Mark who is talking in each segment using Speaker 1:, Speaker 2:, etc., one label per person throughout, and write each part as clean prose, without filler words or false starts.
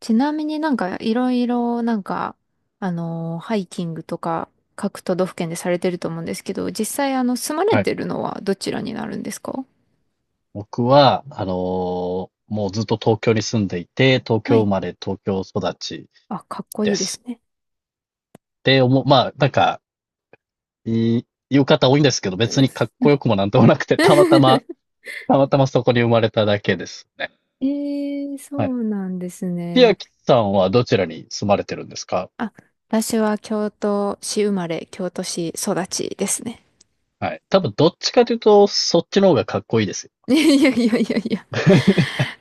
Speaker 1: ちなみになんかいろいろなんか、あのーハイキングとか各都道府県でされてると思うんですけど、実際住まれ
Speaker 2: はい。
Speaker 1: てるのはどちらになるんですか？
Speaker 2: 僕は、もうずっと東京に住んでいて、東
Speaker 1: は
Speaker 2: 京生
Speaker 1: い。
Speaker 2: まれ、東京育ち
Speaker 1: あ、かっこい
Speaker 2: で
Speaker 1: いで
Speaker 2: す。
Speaker 1: すね。
Speaker 2: で、まあ、なんか、言う方多いんですけど、別
Speaker 1: うん。
Speaker 2: にかっこよくもなんともなくて、たまたまそこに生まれただけですね。
Speaker 1: ええ、
Speaker 2: は
Speaker 1: そ
Speaker 2: い。
Speaker 1: うなんです
Speaker 2: 千
Speaker 1: ね。
Speaker 2: 秋さんはどちらに住まれてるんですか？
Speaker 1: あ、私は京都市生まれ、京都市育ちですね。
Speaker 2: はい。多分どっちかというと、そっちの方がかっこいいですよ。
Speaker 1: いやいやいやいやいや。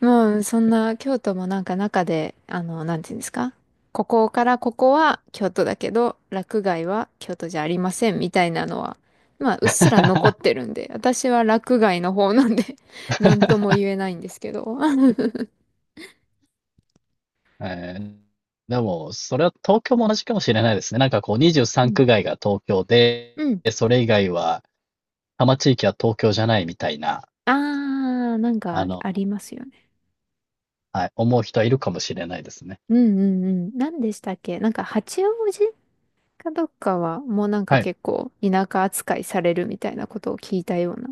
Speaker 1: もう、そんな、京都も中で、なんていうんですか、ここからここは京都だけど、洛外は京都じゃありませんみたいなのは、まあ、うっすら残って るんで、私は洛外の方なんで、 なんとも言えないんですけど。
Speaker 2: えー、でも、それは東京も同じかもしれないですね。なんかこう
Speaker 1: う
Speaker 2: 23
Speaker 1: ん。
Speaker 2: 区外が東京で、
Speaker 1: うん。
Speaker 2: それ以外は、多摩地域は東京じゃないみたいな、
Speaker 1: あー、なん
Speaker 2: あ
Speaker 1: かあ
Speaker 2: の、
Speaker 1: りますよね。
Speaker 2: はい、思う人はいるかもしれないですね。
Speaker 1: うんうんうん。何でしたっけ、八王子かどっかは、もうなんか
Speaker 2: はい。
Speaker 1: 結構田舎扱いされるみたいなことを聞いたような。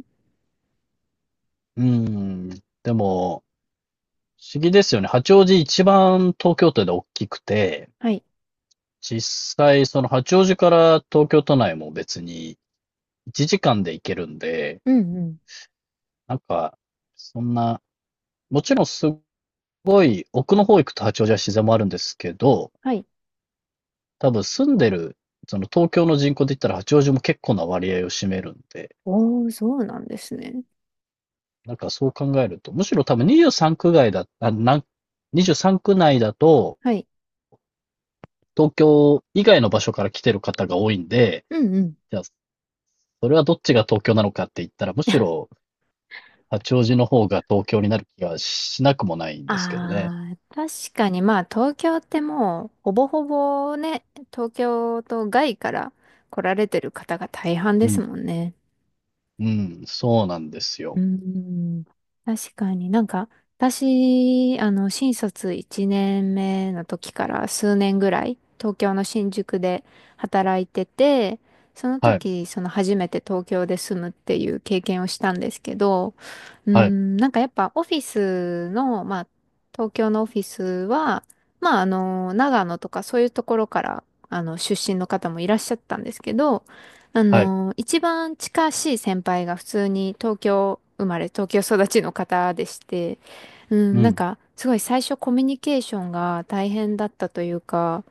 Speaker 2: うーん。でも、不思議ですよね。八王子一番東京都で大きくて、
Speaker 1: はい。
Speaker 2: 実際その八王子から東京都内も別に1時間で行けるんで、
Speaker 1: うんうん。
Speaker 2: なんか、そんな、もちろんすごい奥の方行くと八王子は自然もあるんですけど、
Speaker 1: はい。
Speaker 2: 多分住んでる、その東京の人口で言ったら八王子も結構な割合を占めるんで、
Speaker 1: おー、そうなんですね。
Speaker 2: なんかそう考えると、むしろ多分23区外だ、あ、なん、23区内だと、
Speaker 1: はい。
Speaker 2: 東京以外の場所から来てる方が多いんで、
Speaker 1: うんうん。
Speaker 2: じゃあ、それはどっちが東京なのかって言ったら、むし ろ八王子の方が東京になる気がしなくもないんですけどね。
Speaker 1: ああ、確かに、まあ東京ってもうほぼほぼね、東京と外から来られてる方が大半
Speaker 2: う
Speaker 1: です
Speaker 2: ん、
Speaker 1: もんね。
Speaker 2: うん、そうなんです
Speaker 1: うー
Speaker 2: よ。
Speaker 1: ん、確かに私、新卒1年目の時から数年ぐらい、東京の新宿で働いてて、その
Speaker 2: はい、
Speaker 1: 時、その初めて東京で住むっていう経験をしたんですけど、うー
Speaker 2: はい、
Speaker 1: ん、やっぱオフィスの、まあ、東京のオフィスは、長野とかそういうところから、出身の方もいらっしゃったんですけど、
Speaker 2: はい。
Speaker 1: 一番近しい先輩が普通に東京生まれ、東京育ちの方でして、うん、
Speaker 2: う
Speaker 1: なん
Speaker 2: ん。
Speaker 1: か、すごい最初コミュニケーションが大変だったというか、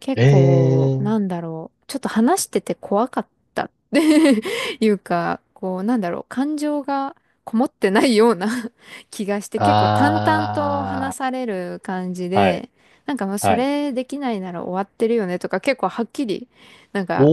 Speaker 1: 結
Speaker 2: え
Speaker 1: 構、
Speaker 2: えー、
Speaker 1: なんだろう、ちょっと話してて怖かったって いうか、こう、なんだろう、感情がこもってないような 気がして、結構淡々と話
Speaker 2: あ
Speaker 1: される感じ
Speaker 2: あ、はい、
Speaker 1: で、なんかもうそ
Speaker 2: はい。
Speaker 1: れできないなら終わってるよねとか結構はっきりなんか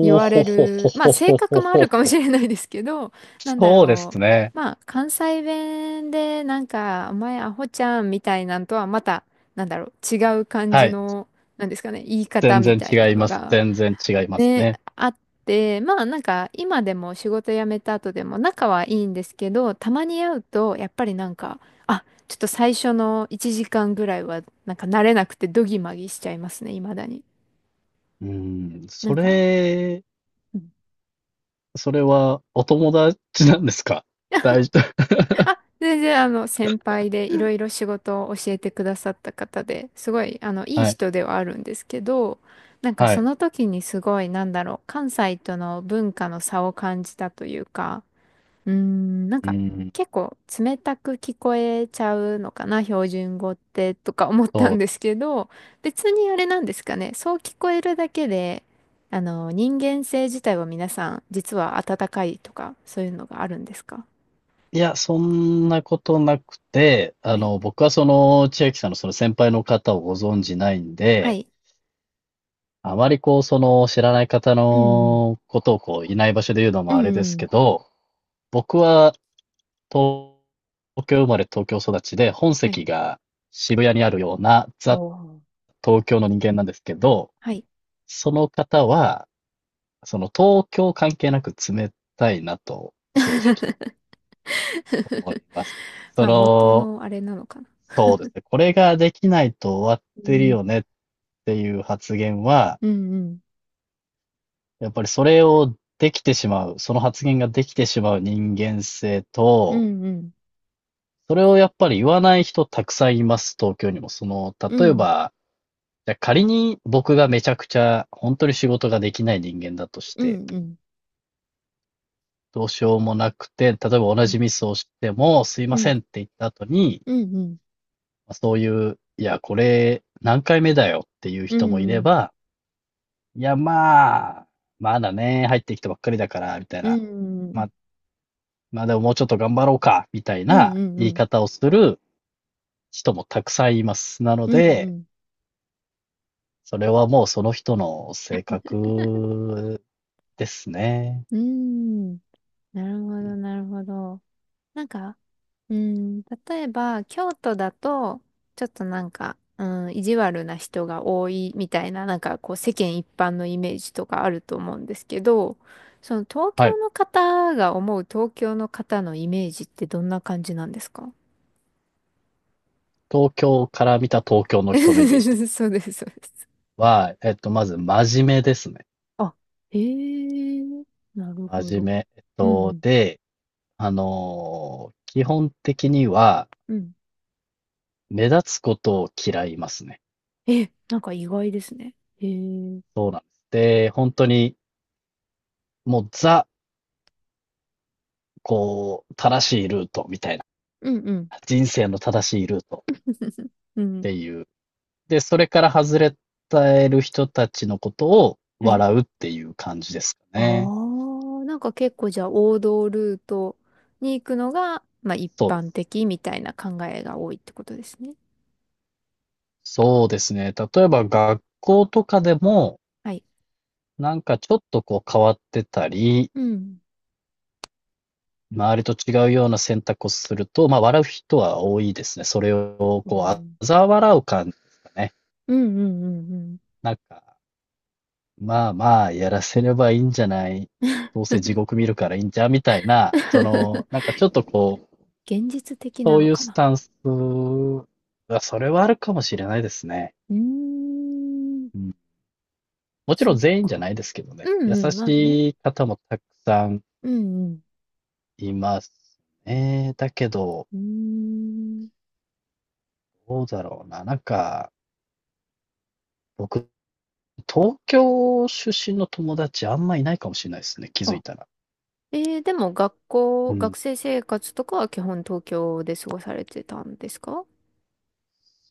Speaker 1: 言
Speaker 2: ー
Speaker 1: わ
Speaker 2: ほ
Speaker 1: れ
Speaker 2: ほほ
Speaker 1: る、まあ
Speaker 2: ほ
Speaker 1: 性
Speaker 2: ほ
Speaker 1: 格
Speaker 2: ほ
Speaker 1: もあ
Speaker 2: ほ
Speaker 1: るかも
Speaker 2: ほ。
Speaker 1: しれないですけど、なんだ
Speaker 2: そうで
Speaker 1: ろ
Speaker 2: す
Speaker 1: う。
Speaker 2: ね。
Speaker 1: まあ関西弁でお前アホちゃんみたいなんとはまた、なんだろう、違う感
Speaker 2: は
Speaker 1: じ
Speaker 2: い。
Speaker 1: の、なんですかね、言い方
Speaker 2: 全
Speaker 1: み
Speaker 2: 然
Speaker 1: たい
Speaker 2: 違
Speaker 1: な
Speaker 2: い
Speaker 1: の
Speaker 2: ます。
Speaker 1: が、
Speaker 2: 全然違います
Speaker 1: ね、
Speaker 2: ね。
Speaker 1: あって、まあ今でも仕事辞めた後でも仲はいいんですけど、たまに会うと、やっぱりなんか、あ、ちょっと最初の1時間ぐらいは、なんか慣れなくてドギマギしちゃいますね、未だに。
Speaker 2: うん。
Speaker 1: な
Speaker 2: そ
Speaker 1: んか、
Speaker 2: れ、それはお友達なんですか？大丈夫。
Speaker 1: あ、全然、先輩でいろいろ 仕事を教えてくださった方で、すごいいい
Speaker 2: はい。
Speaker 1: 人ではあるんですけど、なんか
Speaker 2: は
Speaker 1: そ
Speaker 2: い。
Speaker 1: の時にすごい、なんだろう、関西との文化の差を感じたというか、うーん、なん
Speaker 2: う
Speaker 1: か
Speaker 2: ん。
Speaker 1: 結構冷たく聞こえちゃうのかな標準語って、とか思った
Speaker 2: そ
Speaker 1: ん
Speaker 2: う
Speaker 1: で
Speaker 2: で
Speaker 1: す
Speaker 2: す。
Speaker 1: けど、別にあれなんですかね、そう聞こえるだけで、人間性自体は皆さん実は温かいとか、そういうのがあるんですか？
Speaker 2: いや、そんなことなくて、
Speaker 1: はい。
Speaker 2: 僕はその、千秋さんのその先輩の方をご存じないん
Speaker 1: は
Speaker 2: で、
Speaker 1: い。
Speaker 2: あまりこう、知らない方
Speaker 1: うん、
Speaker 2: のことをこう、いない場所で言うの
Speaker 1: う
Speaker 2: も
Speaker 1: ん、
Speaker 2: あ
Speaker 1: う
Speaker 2: れで
Speaker 1: ん
Speaker 2: す
Speaker 1: う
Speaker 2: け
Speaker 1: ん。
Speaker 2: ど、僕は東京生まれ東京育ちで、本
Speaker 1: はい、
Speaker 2: 籍が渋谷にあるようなザ・東京の人間なんですけど、
Speaker 1: はい。
Speaker 2: その方は、その東京関係なく冷たいなと正直思い ますね。
Speaker 1: まあ、元のあれなのかな。
Speaker 2: そうですね。これができないと終わっ
Speaker 1: う
Speaker 2: てる
Speaker 1: ん、
Speaker 2: よねっていう発言は、
Speaker 1: うん、うん、
Speaker 2: やっぱりそれをできてしまう、その発言ができてしまう人間性
Speaker 1: う
Speaker 2: と、
Speaker 1: ん、うん、
Speaker 2: それをやっぱり言わない人たくさんいます、東京にも。
Speaker 1: う
Speaker 2: 例え
Speaker 1: ん、
Speaker 2: ば、じゃあ仮に僕がめちゃくちゃ本当に仕事ができない人間だとし
Speaker 1: う
Speaker 2: て、
Speaker 1: ん、うん、
Speaker 2: どうしようもなくて、例えば同
Speaker 1: うん、
Speaker 2: じミスをしてもすい
Speaker 1: う
Speaker 2: ませ
Speaker 1: ん、
Speaker 2: んって言った後に、
Speaker 1: うん、うん、
Speaker 2: まあそういう、いや、これ何回目だよっていう
Speaker 1: う
Speaker 2: 人もいれ
Speaker 1: ん、
Speaker 2: ば、いや、まあ、まだね、入ってきたばっかりだから、みたい
Speaker 1: う
Speaker 2: な。
Speaker 1: ん、う
Speaker 2: ま
Speaker 1: ん、
Speaker 2: あ、まあでももうちょっと頑張ろうか、みたい
Speaker 1: うん、
Speaker 2: な
Speaker 1: うん、う
Speaker 2: 言い
Speaker 1: ん、
Speaker 2: 方をする人もたくさんいます。なの
Speaker 1: う
Speaker 2: で、
Speaker 1: ん、
Speaker 2: それはもうその人の性格ですね。
Speaker 1: うん、なるほど、なるほど。なんか、うん、例えば、京都だと、ちょっとなんか、うん、意地悪な人が多いみたいな、なんかこう世間一般のイメージとかあると思うんですけど、その東
Speaker 2: はい。
Speaker 1: 京の方が思う東京の方のイメージってどんな感じなんですか？
Speaker 2: 東京から見た東京の人のイメージです。
Speaker 1: そうです、そうです。
Speaker 2: は、えっと、まず真面目ですね。
Speaker 1: あ、へえ、なるほ
Speaker 2: 真面
Speaker 1: ど。
Speaker 2: 目。
Speaker 1: うん、
Speaker 2: で、基本的には
Speaker 1: うん、うん。
Speaker 2: 目立つことを嫌いますね。
Speaker 1: え、なんか意外ですね。へえ、うん、
Speaker 2: そうなんです。で、本当にもうこう、正しいルートみたいな。
Speaker 1: うん。
Speaker 2: 人生の正しいルート
Speaker 1: う
Speaker 2: っ
Speaker 1: ん、
Speaker 2: ていう。で、それから外れたる人たちのことを
Speaker 1: はい。
Speaker 2: 笑うっていう感じですか
Speaker 1: あ
Speaker 2: ね。
Speaker 1: あ、なんか結構じゃあ王道ルートに行くのが、まあ一
Speaker 2: そうで
Speaker 1: 般
Speaker 2: す。
Speaker 1: 的みたいな考えが多いってことですね。
Speaker 2: そうですね。例えば学校とかでも、
Speaker 1: はい。
Speaker 2: なんかちょっとこう変わってたり、
Speaker 1: うん。
Speaker 2: 周りと違うような選択をすると、まあ笑う人は多いですね。それを
Speaker 1: はい。う
Speaker 2: こう、あ
Speaker 1: ん
Speaker 2: ざ笑う感じですかね。
Speaker 1: うんうんうんうんうん。
Speaker 2: なんか、まあまあ、やらせればいいんじゃない。どうせ地獄見るからいいんじゃんみたいな、なんかちょっとこう、
Speaker 1: 現実的な
Speaker 2: そう
Speaker 1: の
Speaker 2: いう
Speaker 1: か
Speaker 2: ス
Speaker 1: な。
Speaker 2: タンスは、それはあるかもしれないですね。
Speaker 1: うーん。
Speaker 2: うん。もち
Speaker 1: そ
Speaker 2: ろん
Speaker 1: っ
Speaker 2: 全員じゃな
Speaker 1: か。
Speaker 2: いですけどね。
Speaker 1: う
Speaker 2: 優
Speaker 1: んうん、まあね。
Speaker 2: しい方もたくさん
Speaker 1: うんうん。
Speaker 2: いますね。だけど、
Speaker 1: うーん。
Speaker 2: どうだろうな。なんか、僕、東京出身の友達あんまいないかもしれないですね、気づい
Speaker 1: あ、
Speaker 2: たら。
Speaker 1: えー、でも学
Speaker 2: う
Speaker 1: 校、
Speaker 2: ん、
Speaker 1: 学生生活とかは基本東京で過ごされてたんですか？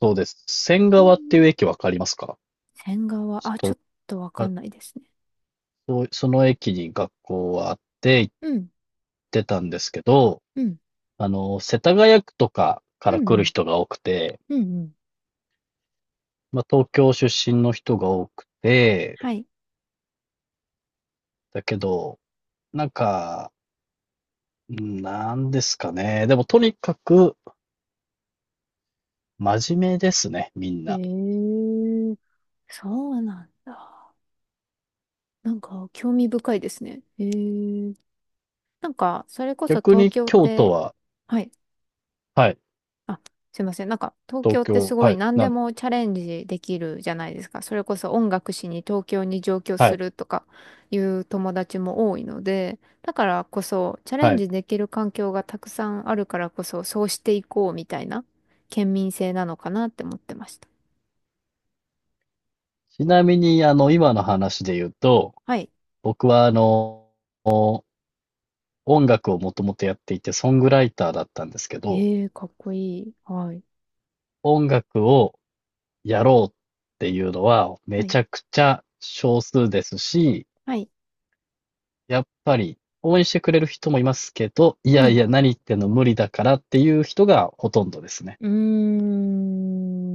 Speaker 2: そうです。仙
Speaker 1: う
Speaker 2: 川っていう
Speaker 1: ん。
Speaker 2: 駅わかりますか？
Speaker 1: 仙川、あ、ちょ
Speaker 2: と、
Speaker 1: っとわか
Speaker 2: あ、
Speaker 1: んないですね。
Speaker 2: そう、その駅に学校はあって行っ
Speaker 1: うん
Speaker 2: てたんですけど、
Speaker 1: うん。
Speaker 2: 世田谷区とかか
Speaker 1: う
Speaker 2: ら
Speaker 1: んう
Speaker 2: 来る
Speaker 1: ん。
Speaker 2: 人が多くて、
Speaker 1: うんうん。
Speaker 2: まあ、東京出身の人が多くて、
Speaker 1: はい。
Speaker 2: だけど、なんか、うんなんですかね。でも、とにかく、真面目ですね、みん
Speaker 1: へ
Speaker 2: な。
Speaker 1: え。そうなんだ。なんか、興味深いですね。へえ。なんか、それこそ
Speaker 2: 逆
Speaker 1: 東
Speaker 2: に
Speaker 1: 京っ
Speaker 2: 京都
Speaker 1: て、
Speaker 2: は、
Speaker 1: はい。
Speaker 2: はい、
Speaker 1: あ、すいません。なんか、東
Speaker 2: 東
Speaker 1: 京ってす
Speaker 2: 京、
Speaker 1: ご
Speaker 2: は
Speaker 1: い
Speaker 2: い、
Speaker 1: 何
Speaker 2: な
Speaker 1: で
Speaker 2: んです
Speaker 1: もチャレンジできるじゃないですか。それこそ音楽しに東京に上京
Speaker 2: は
Speaker 1: す
Speaker 2: い。
Speaker 1: るとかいう友達も多いので、だからこそ、チャレ
Speaker 2: は
Speaker 1: ン
Speaker 2: い。
Speaker 1: ジできる環境がたくさんあるからこそ、そうしていこうみたいな県民性なのかなって思ってました。
Speaker 2: ちなみに、今の話で言うと、
Speaker 1: はい。
Speaker 2: 僕は、音楽をもともとやっていて、ソングライターだったんですけど、
Speaker 1: ええ、かっこいい。はい。
Speaker 2: 音楽をやろうっていうのは、
Speaker 1: は
Speaker 2: め
Speaker 1: い。
Speaker 2: ちゃくちゃ少数ですし、
Speaker 1: はい。
Speaker 2: やっぱり、応援してくれる人もいますけど、い
Speaker 1: う
Speaker 2: やい
Speaker 1: ん。
Speaker 2: や、何言ってんの無理だからっていう人がほとんどですね。
Speaker 1: うー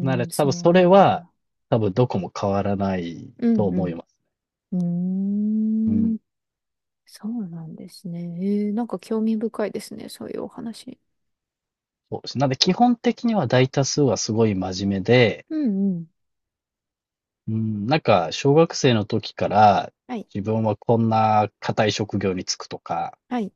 Speaker 2: なの
Speaker 1: ん、
Speaker 2: で、多
Speaker 1: そ
Speaker 2: 分
Speaker 1: う
Speaker 2: そ
Speaker 1: な
Speaker 2: れ
Speaker 1: ん
Speaker 2: は、
Speaker 1: だ。
Speaker 2: 多分どこも変わらない
Speaker 1: う
Speaker 2: と思
Speaker 1: ん、
Speaker 2: います。
Speaker 1: うん。う
Speaker 2: う
Speaker 1: ー
Speaker 2: ん。
Speaker 1: ん、そうなんですね。えー、なんか興味深いですね、そういうお話。
Speaker 2: そうです。なんで、基本的には大多数はすごい真面目で、
Speaker 1: うん、うん。
Speaker 2: うん、なんか、小学生の時から、
Speaker 1: はい。
Speaker 2: 自分はこんな堅い職業に就くとか、
Speaker 1: はい。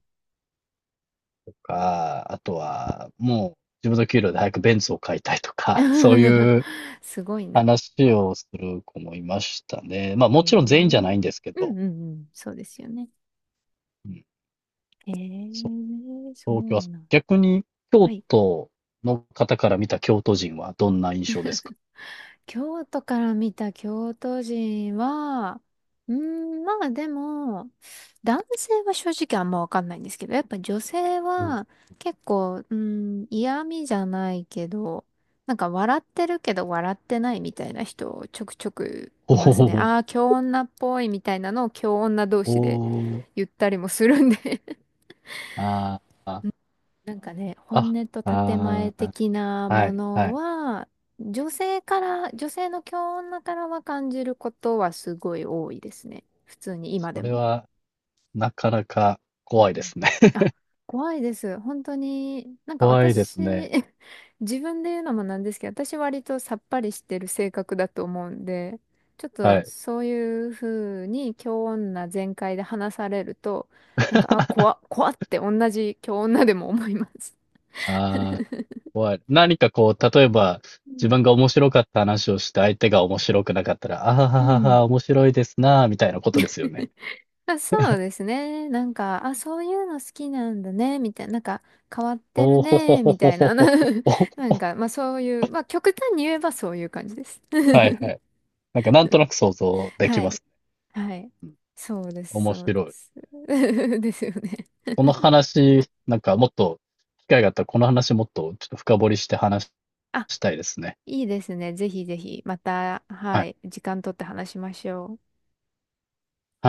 Speaker 2: あとは、もう自分の給料で早くベンツを買いたいとか、そう いう
Speaker 1: すごいな。
Speaker 2: 話をする子もいましたね。まあ、
Speaker 1: え
Speaker 2: もちろん全員じゃな
Speaker 1: ー。
Speaker 2: いんですけ
Speaker 1: う
Speaker 2: ど、
Speaker 1: ん、うん、うん。そうですよね。
Speaker 2: うん、
Speaker 1: え
Speaker 2: そう、
Speaker 1: え、そ
Speaker 2: 東京は
Speaker 1: う
Speaker 2: そう、
Speaker 1: なん。
Speaker 2: 逆に京
Speaker 1: はい。
Speaker 2: 都の方から見た京都人はどんな印象ですか？
Speaker 1: 京都から見た京都人は、うーん、まあでも、男性は正直あんまわかんないんですけど、やっぱ女性
Speaker 2: うん。
Speaker 1: は結構、うーん、嫌味じゃないけど、なんか笑ってるけど笑ってないみたいな人ちょくちょく
Speaker 2: お
Speaker 1: いますね。
Speaker 2: お、
Speaker 1: ああ、京女っぽいみたいなのを京女同
Speaker 2: お
Speaker 1: 士で
Speaker 2: お、
Speaker 1: 言ったりもするんで。
Speaker 2: ああ、
Speaker 1: なんかね、本
Speaker 2: あ、
Speaker 1: 音と建前
Speaker 2: ああ、
Speaker 1: 的な
Speaker 2: は
Speaker 1: も
Speaker 2: いは
Speaker 1: の
Speaker 2: い。
Speaker 1: は、女性から、女性の強女からは感じることはすごい多いですね。普通に今
Speaker 2: そ
Speaker 1: で
Speaker 2: れ
Speaker 1: も。
Speaker 2: はなかなか
Speaker 1: う
Speaker 2: 怖いで
Speaker 1: ん。
Speaker 2: すね。
Speaker 1: あ、怖いです。本当に、なんか
Speaker 2: 怖いで
Speaker 1: 私、
Speaker 2: すね。
Speaker 1: 自分で言うのもなんですけど、私割とさっぱりしてる性格だと思うんで、ちょっ
Speaker 2: は
Speaker 1: と
Speaker 2: い。
Speaker 1: そういうふうに強女全開で話されると、なんか、あ、怖っ、怖っって同じ強女でも思います。
Speaker 2: ああ、怖い。何かこう、例えば、
Speaker 1: う
Speaker 2: 自
Speaker 1: ん。
Speaker 2: 分が面白かった話をして相手が面白くなかったら、あは
Speaker 1: う
Speaker 2: はは
Speaker 1: ん。
Speaker 2: は、面白いですなあ、みたいなことですよね。
Speaker 1: あ、そうですね。なんか、あ、そういうの好きなんだね、みたいな。なんか、変わってる
Speaker 2: おお、ほほ
Speaker 1: ね、
Speaker 2: ほ
Speaker 1: み
Speaker 2: ほ
Speaker 1: たい
Speaker 2: ほ
Speaker 1: な。な
Speaker 2: ほほ。
Speaker 1: んか、まあそういう、まあ極端に言えばそういう感じです。
Speaker 2: はいはい。なんかなんとなく想像 でき
Speaker 1: は
Speaker 2: ま
Speaker 1: い。
Speaker 2: す。
Speaker 1: はい。
Speaker 2: うん。
Speaker 1: そうです、
Speaker 2: 面
Speaker 1: そうで
Speaker 2: 白い。
Speaker 1: す。ですよね。
Speaker 2: この話、なんかもっと機会があったら、この話もっとちょっと深掘りして話
Speaker 1: あ、
Speaker 2: したいですね。
Speaker 1: いいですね。ぜひぜひ、また、
Speaker 2: は
Speaker 1: は
Speaker 2: い。
Speaker 1: い、時間取って話しましょう。
Speaker 2: はい。